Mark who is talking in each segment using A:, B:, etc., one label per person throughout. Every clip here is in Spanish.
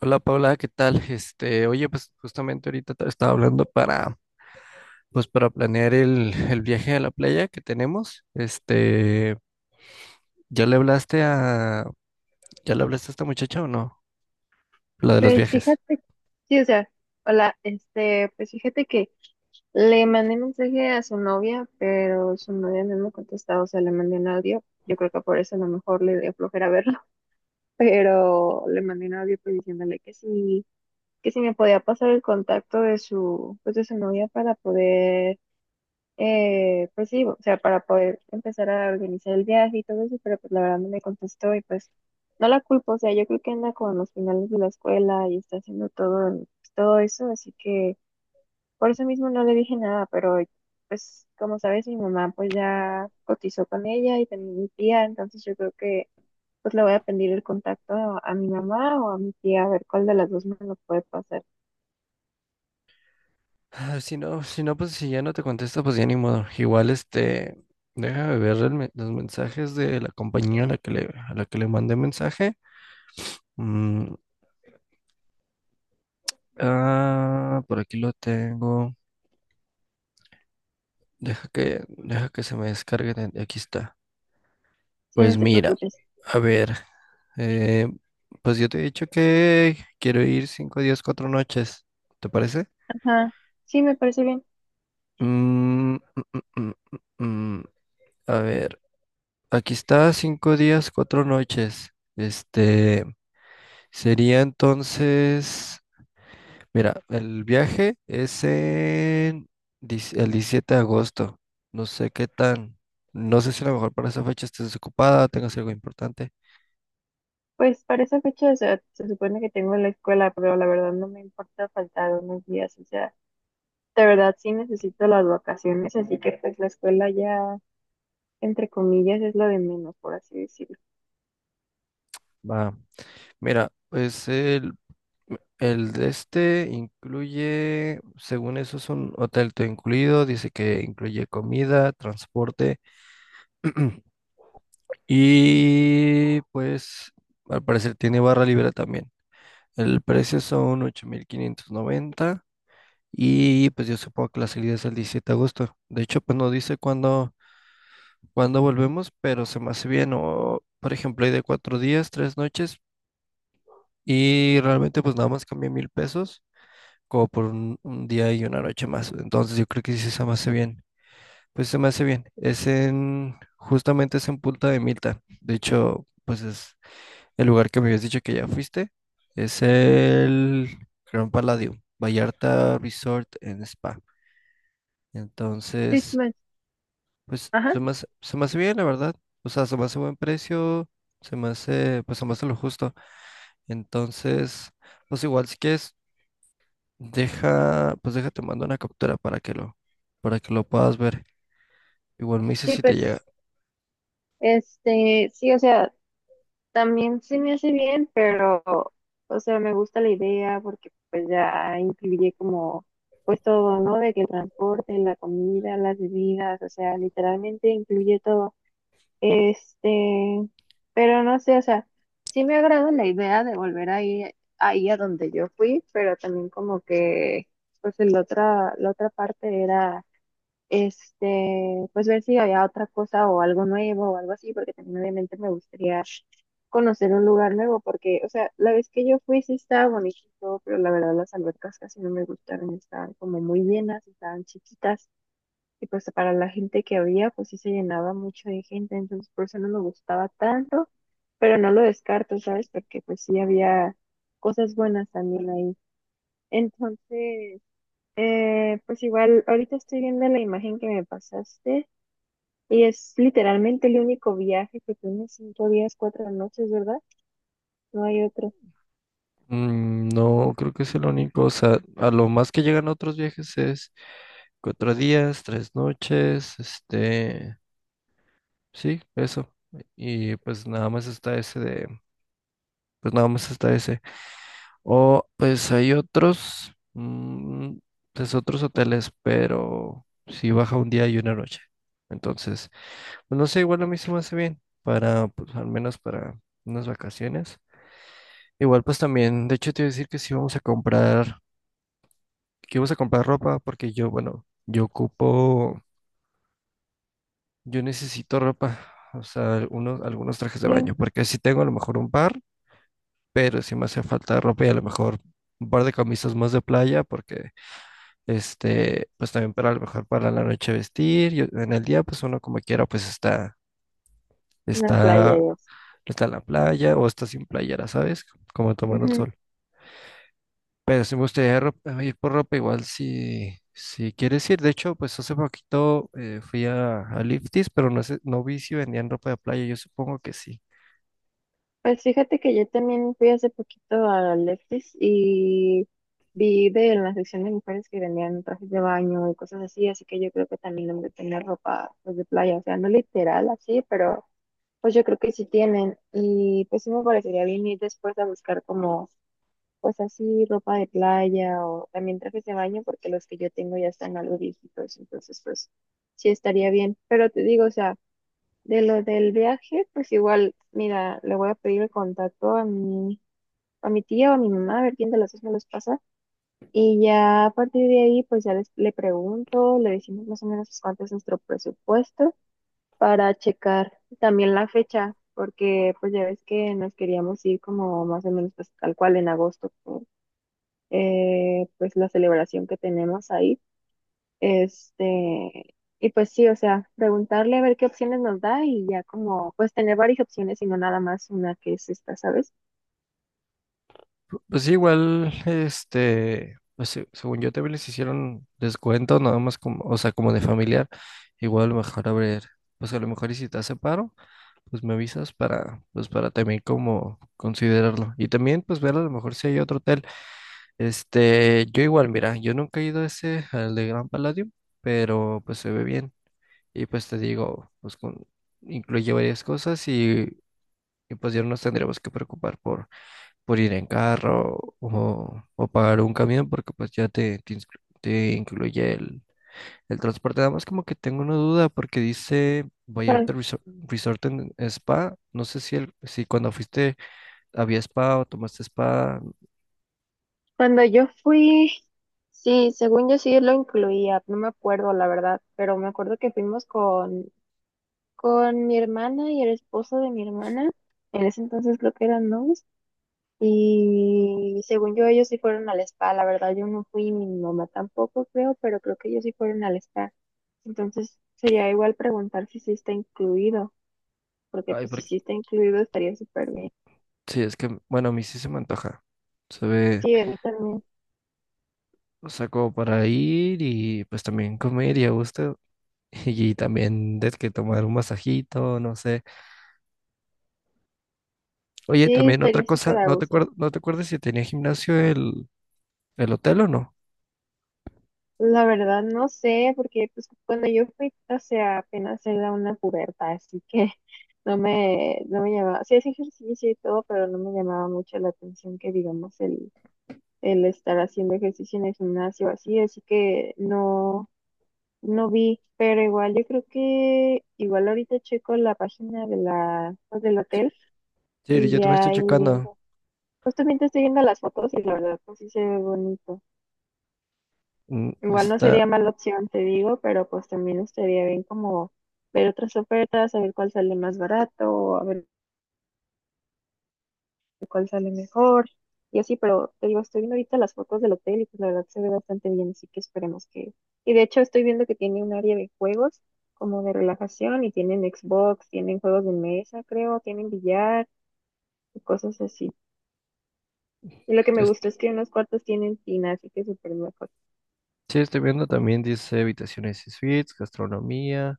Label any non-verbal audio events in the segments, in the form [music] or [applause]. A: Hola Paula, ¿qué tal? Este, oye, pues justamente ahorita te estaba hablando pues para planear el viaje a la playa que tenemos. Este, ¿ya le hablaste a, ya le hablaste a esta muchacha o no? La de los
B: Pues
A: viajes.
B: fíjate, sí, o sea, hola, pues fíjate que le mandé mensaje a su novia, pero su novia no me contestó, o sea, le mandé un audio, yo creo que por eso a lo mejor le dio flojera verlo, [laughs] pero le mandé un audio pues diciéndole que sí, que si me podía pasar el contacto de su, pues de su novia para poder pues sí, o sea, para poder empezar a organizar el viaje y todo eso, pero pues la verdad no me contestó y pues no la culpo, o sea, yo creo que anda con los finales de la escuela y está haciendo todo, todo eso, así que por eso mismo no le dije nada, pero pues como sabes, mi mamá pues ya cotizó con ella y también mi tía, entonces yo creo que pues le voy a pedir el contacto a mi mamá o a mi tía, a ver cuál de las dos me lo puede pasar.
A: Ah, si no, pues si ya no te contesta, pues ya ni modo. Igual, este, déjame ver los mensajes de la compañía a la que le mandé mensaje. Mm, ah, por aquí lo tengo. Deja que se me descargue. Aquí está.
B: Sí,
A: Pues
B: no te
A: mira,
B: preocupes.
A: a ver, eh, pues yo te he dicho que quiero ir 5 días, 4 noches, ¿te parece?
B: Ajá, sí, me parece bien.
A: Mm, mm, mm, mm, mm, mm. A ver, aquí está 5 días, 4 noches. Este sería entonces, mira, el viaje es en el 17 de agosto. No sé qué tan, no sé si a lo mejor para esa fecha estés desocupada, tengas algo importante.
B: Pues para esa fecha, o sea, se supone que tengo la escuela, pero la verdad no me importa faltar unos días, o sea, de verdad sí necesito las vacaciones, así que pues la escuela ya, entre comillas, es lo de menos, por así decirlo.
A: Va, mira, el de este incluye, según eso, es un hotel todo incluido. Dice que incluye comida, transporte, [clears throat] y pues al parecer tiene barra libre también. El precio son 8,590, y pues yo supongo que la salida es el 17 de agosto. De hecho, pues no dice cuándo volvemos, pero se me hace bien. O, por ejemplo, hay de 4 días, 3 noches y realmente pues nada más cambia 1,000 pesos, como por un día y una noche más. Entonces yo creo que sí se me hace bien. Pues se me hace bien. Es en, justamente es en Punta de Milta. De hecho, pues es el lugar que me habías dicho que ya fuiste. Es el Gran Palladium, Vallarta Resort en Spa.
B: Sí,
A: Entonces,
B: pues,
A: pues
B: ajá,
A: se me hace bien, la verdad. O sea, se me hace buen precio, pues se me hace lo justo. Entonces, pues igual, si quieres, pues déjate mando una captura para que lo, puedas ver. Igual me dices
B: sí,
A: si te llega.
B: pues, sí, o sea, también sí me hace bien, pero, o sea, me gusta la idea porque pues ya incluye como, pues todo, ¿no? De que el transporte, la comida, las bebidas, o sea, literalmente incluye todo. Este, pero no sé, o sea, sí me agrada la idea de volver ahí, ahí a donde yo fui, pero también como que, pues la otra parte era, pues ver si había otra cosa o algo nuevo o algo así, porque también obviamente me gustaría conocer un lugar nuevo, porque, o sea, la vez que yo fui sí estaba bonito, y todo, pero la verdad las albercas casi no me gustaron, estaban como muy llenas, estaban chiquitas. Y pues para la gente que había, pues sí se llenaba mucho de gente, entonces por eso no me gustaba tanto, pero no lo descarto, ¿sabes? Porque pues sí había cosas buenas también ahí. Entonces, pues igual, ahorita estoy viendo la imagen que me pasaste y es literalmente el único viaje que tiene cinco días, cuatro noches, ¿verdad? No hay otro.
A: No, creo que es el único. O sea, a lo más que llegan otros viajes es 4 días, 3 noches, este, sí, eso. Y pues nada más está ese de, pues nada más está ese. O pues hay otros, mm, pues otros hoteles, pero si baja un día y una noche. Entonces, pues no sé, igual a mí se me hace bien para, pues al menos para unas vacaciones. Igual pues también, de hecho te iba a decir que sí vamos a comprar ropa porque yo, bueno, yo necesito ropa, o sea, algunos trajes de
B: Sí,
A: baño, porque sí tengo a lo mejor un par, pero sí me hace falta ropa y a lo mejor un par de camisas más de playa porque, este, pues también para, a lo mejor, para la noche vestir, y en el día pues uno como quiera pues
B: una playa
A: está
B: y eso.
A: está en la playa o está sin playera, ¿sabes? Como tomando el
B: Ujú.
A: sol. Pero si me gustaría ir por ropa igual si quieres ir. De hecho, pues hace poquito fui a Lifties, pero no vi si vendían ropa de playa. Yo supongo que sí.
B: Pues fíjate que yo también fui hace poquito a Lefties y vi de en la sección de mujeres que vendían trajes de baño y cosas así, así que yo creo que también deben de tener ropa pues, de playa, o sea, no literal así, pero pues yo creo que sí tienen y pues sí me parecería bien ir después a buscar como pues así ropa de playa o también trajes de baño porque los que yo tengo ya están algo viejitos, entonces pues sí estaría bien, pero te digo, o sea... De lo del viaje, pues igual, mira, le voy a pedir el contacto a mi tía o a mi mamá, a ver quién de las dos me los pasa. Y ya a partir de ahí, pues ya les, le pregunto, le decimos más o menos pues, cuánto es nuestro presupuesto para checar también la fecha, porque pues ya ves que nos queríamos ir como más o menos pues tal cual en agosto, por, pues la celebración que tenemos ahí. Y pues sí, o sea, preguntarle a ver qué opciones nos da y ya como, pues tener varias opciones y no nada más una que es esta, ¿sabes?
A: Pues sí, igual, este, pues según yo también les hicieron descuento, nada más como, o sea, como de familiar. Igual a lo mejor pues a lo mejor, y si te hace paro, pues me avisas para, pues para también como considerarlo. Y también pues ver a lo mejor si hay otro hotel. Este, yo igual, mira, yo nunca he ido a ese, al de Gran Palladium, pero pues se ve bien. Y pues te digo, pues con, incluye varias cosas y pues ya no nos tendremos que preocupar por ir en carro o pagar un camión, porque pues ya te incluye el transporte. Además, como que tengo una duda porque dice
B: Cuan-
A: Vallarta Resort and Spa. No sé si cuando fuiste había spa o tomaste spa.
B: Cuando yo fui, sí, según yo sí lo incluía, no me acuerdo la verdad, pero me acuerdo que fuimos con mi hermana y el esposo de mi hermana, en ese entonces creo que eran novios. Y según yo, ellos sí fueron al spa, la verdad yo no fui, mi mamá tampoco creo, pero creo que ellos sí fueron al spa. Entonces sería igual preguntar si sí está incluido, porque
A: Ay,
B: pues si sí está incluido estaría súper bien.
A: sí, es que, bueno, a mí sí se me antoja. Se ve,
B: Sí, a mí también.
A: o sea, como para ir y pues también comer y a gusto. [laughs] Y también de que tomar un masajito, no sé. Oye,
B: Sí,
A: también otra
B: estaría súper
A: cosa,
B: a gusto.
A: no te acuerdas si tenía gimnasio el hotel o no.
B: La verdad no sé, porque pues cuando yo fui, o sea, apenas era una puberta, así que [laughs] no me, no me llamaba, sí es ejercicio y todo, pero no me llamaba mucho la atención que digamos el estar haciendo ejercicio en el gimnasio así, así que no, no vi, pero igual yo creo que igual ahorita checo la página de la, pues, del
A: Sí,
B: hotel
A: sí,
B: y
A: yo también
B: ya
A: estoy
B: ahí
A: checando.
B: viendo. Justamente estoy viendo las fotos y la verdad pues sí se ve bonito.
A: Mm,
B: Igual no
A: Está,
B: sería mala opción, te digo, pero pues también estaría bien como ver otras ofertas, a ver cuál sale más barato, a ver cuál sale mejor y así, pero te digo, estoy viendo ahorita las fotos del hotel y pues la verdad se ve bastante bien, así que esperemos que... Y de hecho estoy viendo que tiene un área de juegos como de relajación y tienen Xbox, tienen juegos de mesa, creo, tienen billar y cosas así. Y lo que me
A: es-
B: gustó es que unos cuartos tienen tina, así que súper mejor.
A: sí, estoy viendo también, dice habitaciones y suites, gastronomía,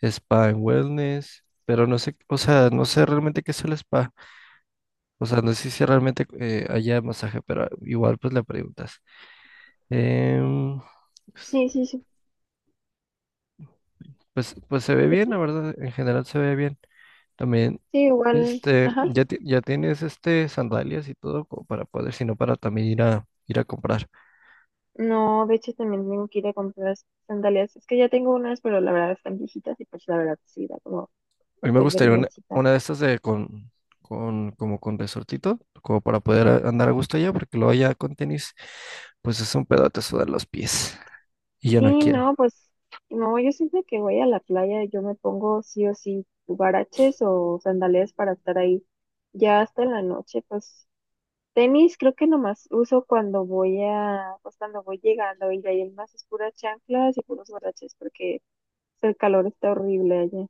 A: spa and wellness, pero no sé, o sea, no sé realmente qué es el spa. O sea, no sé si realmente haya masaje, pero igual pues le preguntas. Em,
B: Sí, sí, sí.
A: pues se ve bien, la verdad, en general se ve bien. También,
B: Sí, igual,
A: este,
B: ajá.
A: ya, ya tienes este sandalias y todo como para poder, sino para también ir a comprar.
B: No, de hecho también tengo que ir a comprar sandalias. Es que ya tengo unas, pero la verdad están viejitas y pues la verdad sí da como
A: A mí me
B: pues
A: gustaría una,
B: vergüencita.
A: una de estas de con resortito, como para poder andar a gusto allá, porque luego allá con tenis, pues es un pedote sudar los pies. Y yo no
B: Sí,
A: quiero.
B: no, pues no, yo siempre que voy a la playa yo me pongo sí o sí huaraches o sandalias para estar ahí ya hasta en la noche, pues tenis creo que nomás uso cuando voy a, pues cuando voy llegando y de ahí en más es puras chanclas y puros huaraches porque el calor está horrible allá.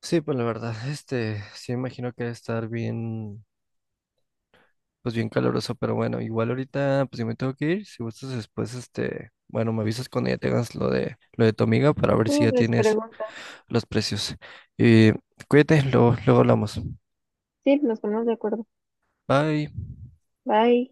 A: Sí, pues la verdad, este, sí me imagino que debe estar bien, pues bien caluroso, pero bueno, igual ahorita, pues yo me tengo que ir. Si gustas después, este, bueno, me avisas cuando ya tengas lo de, lo de tu amiga, para ver
B: Sí,
A: si ya
B: les
A: tienes
B: pregunto.
A: los precios. Eh, cuídate, luego, luego hablamos.
B: Sí, nos ponemos de acuerdo.
A: Bye.
B: Bye.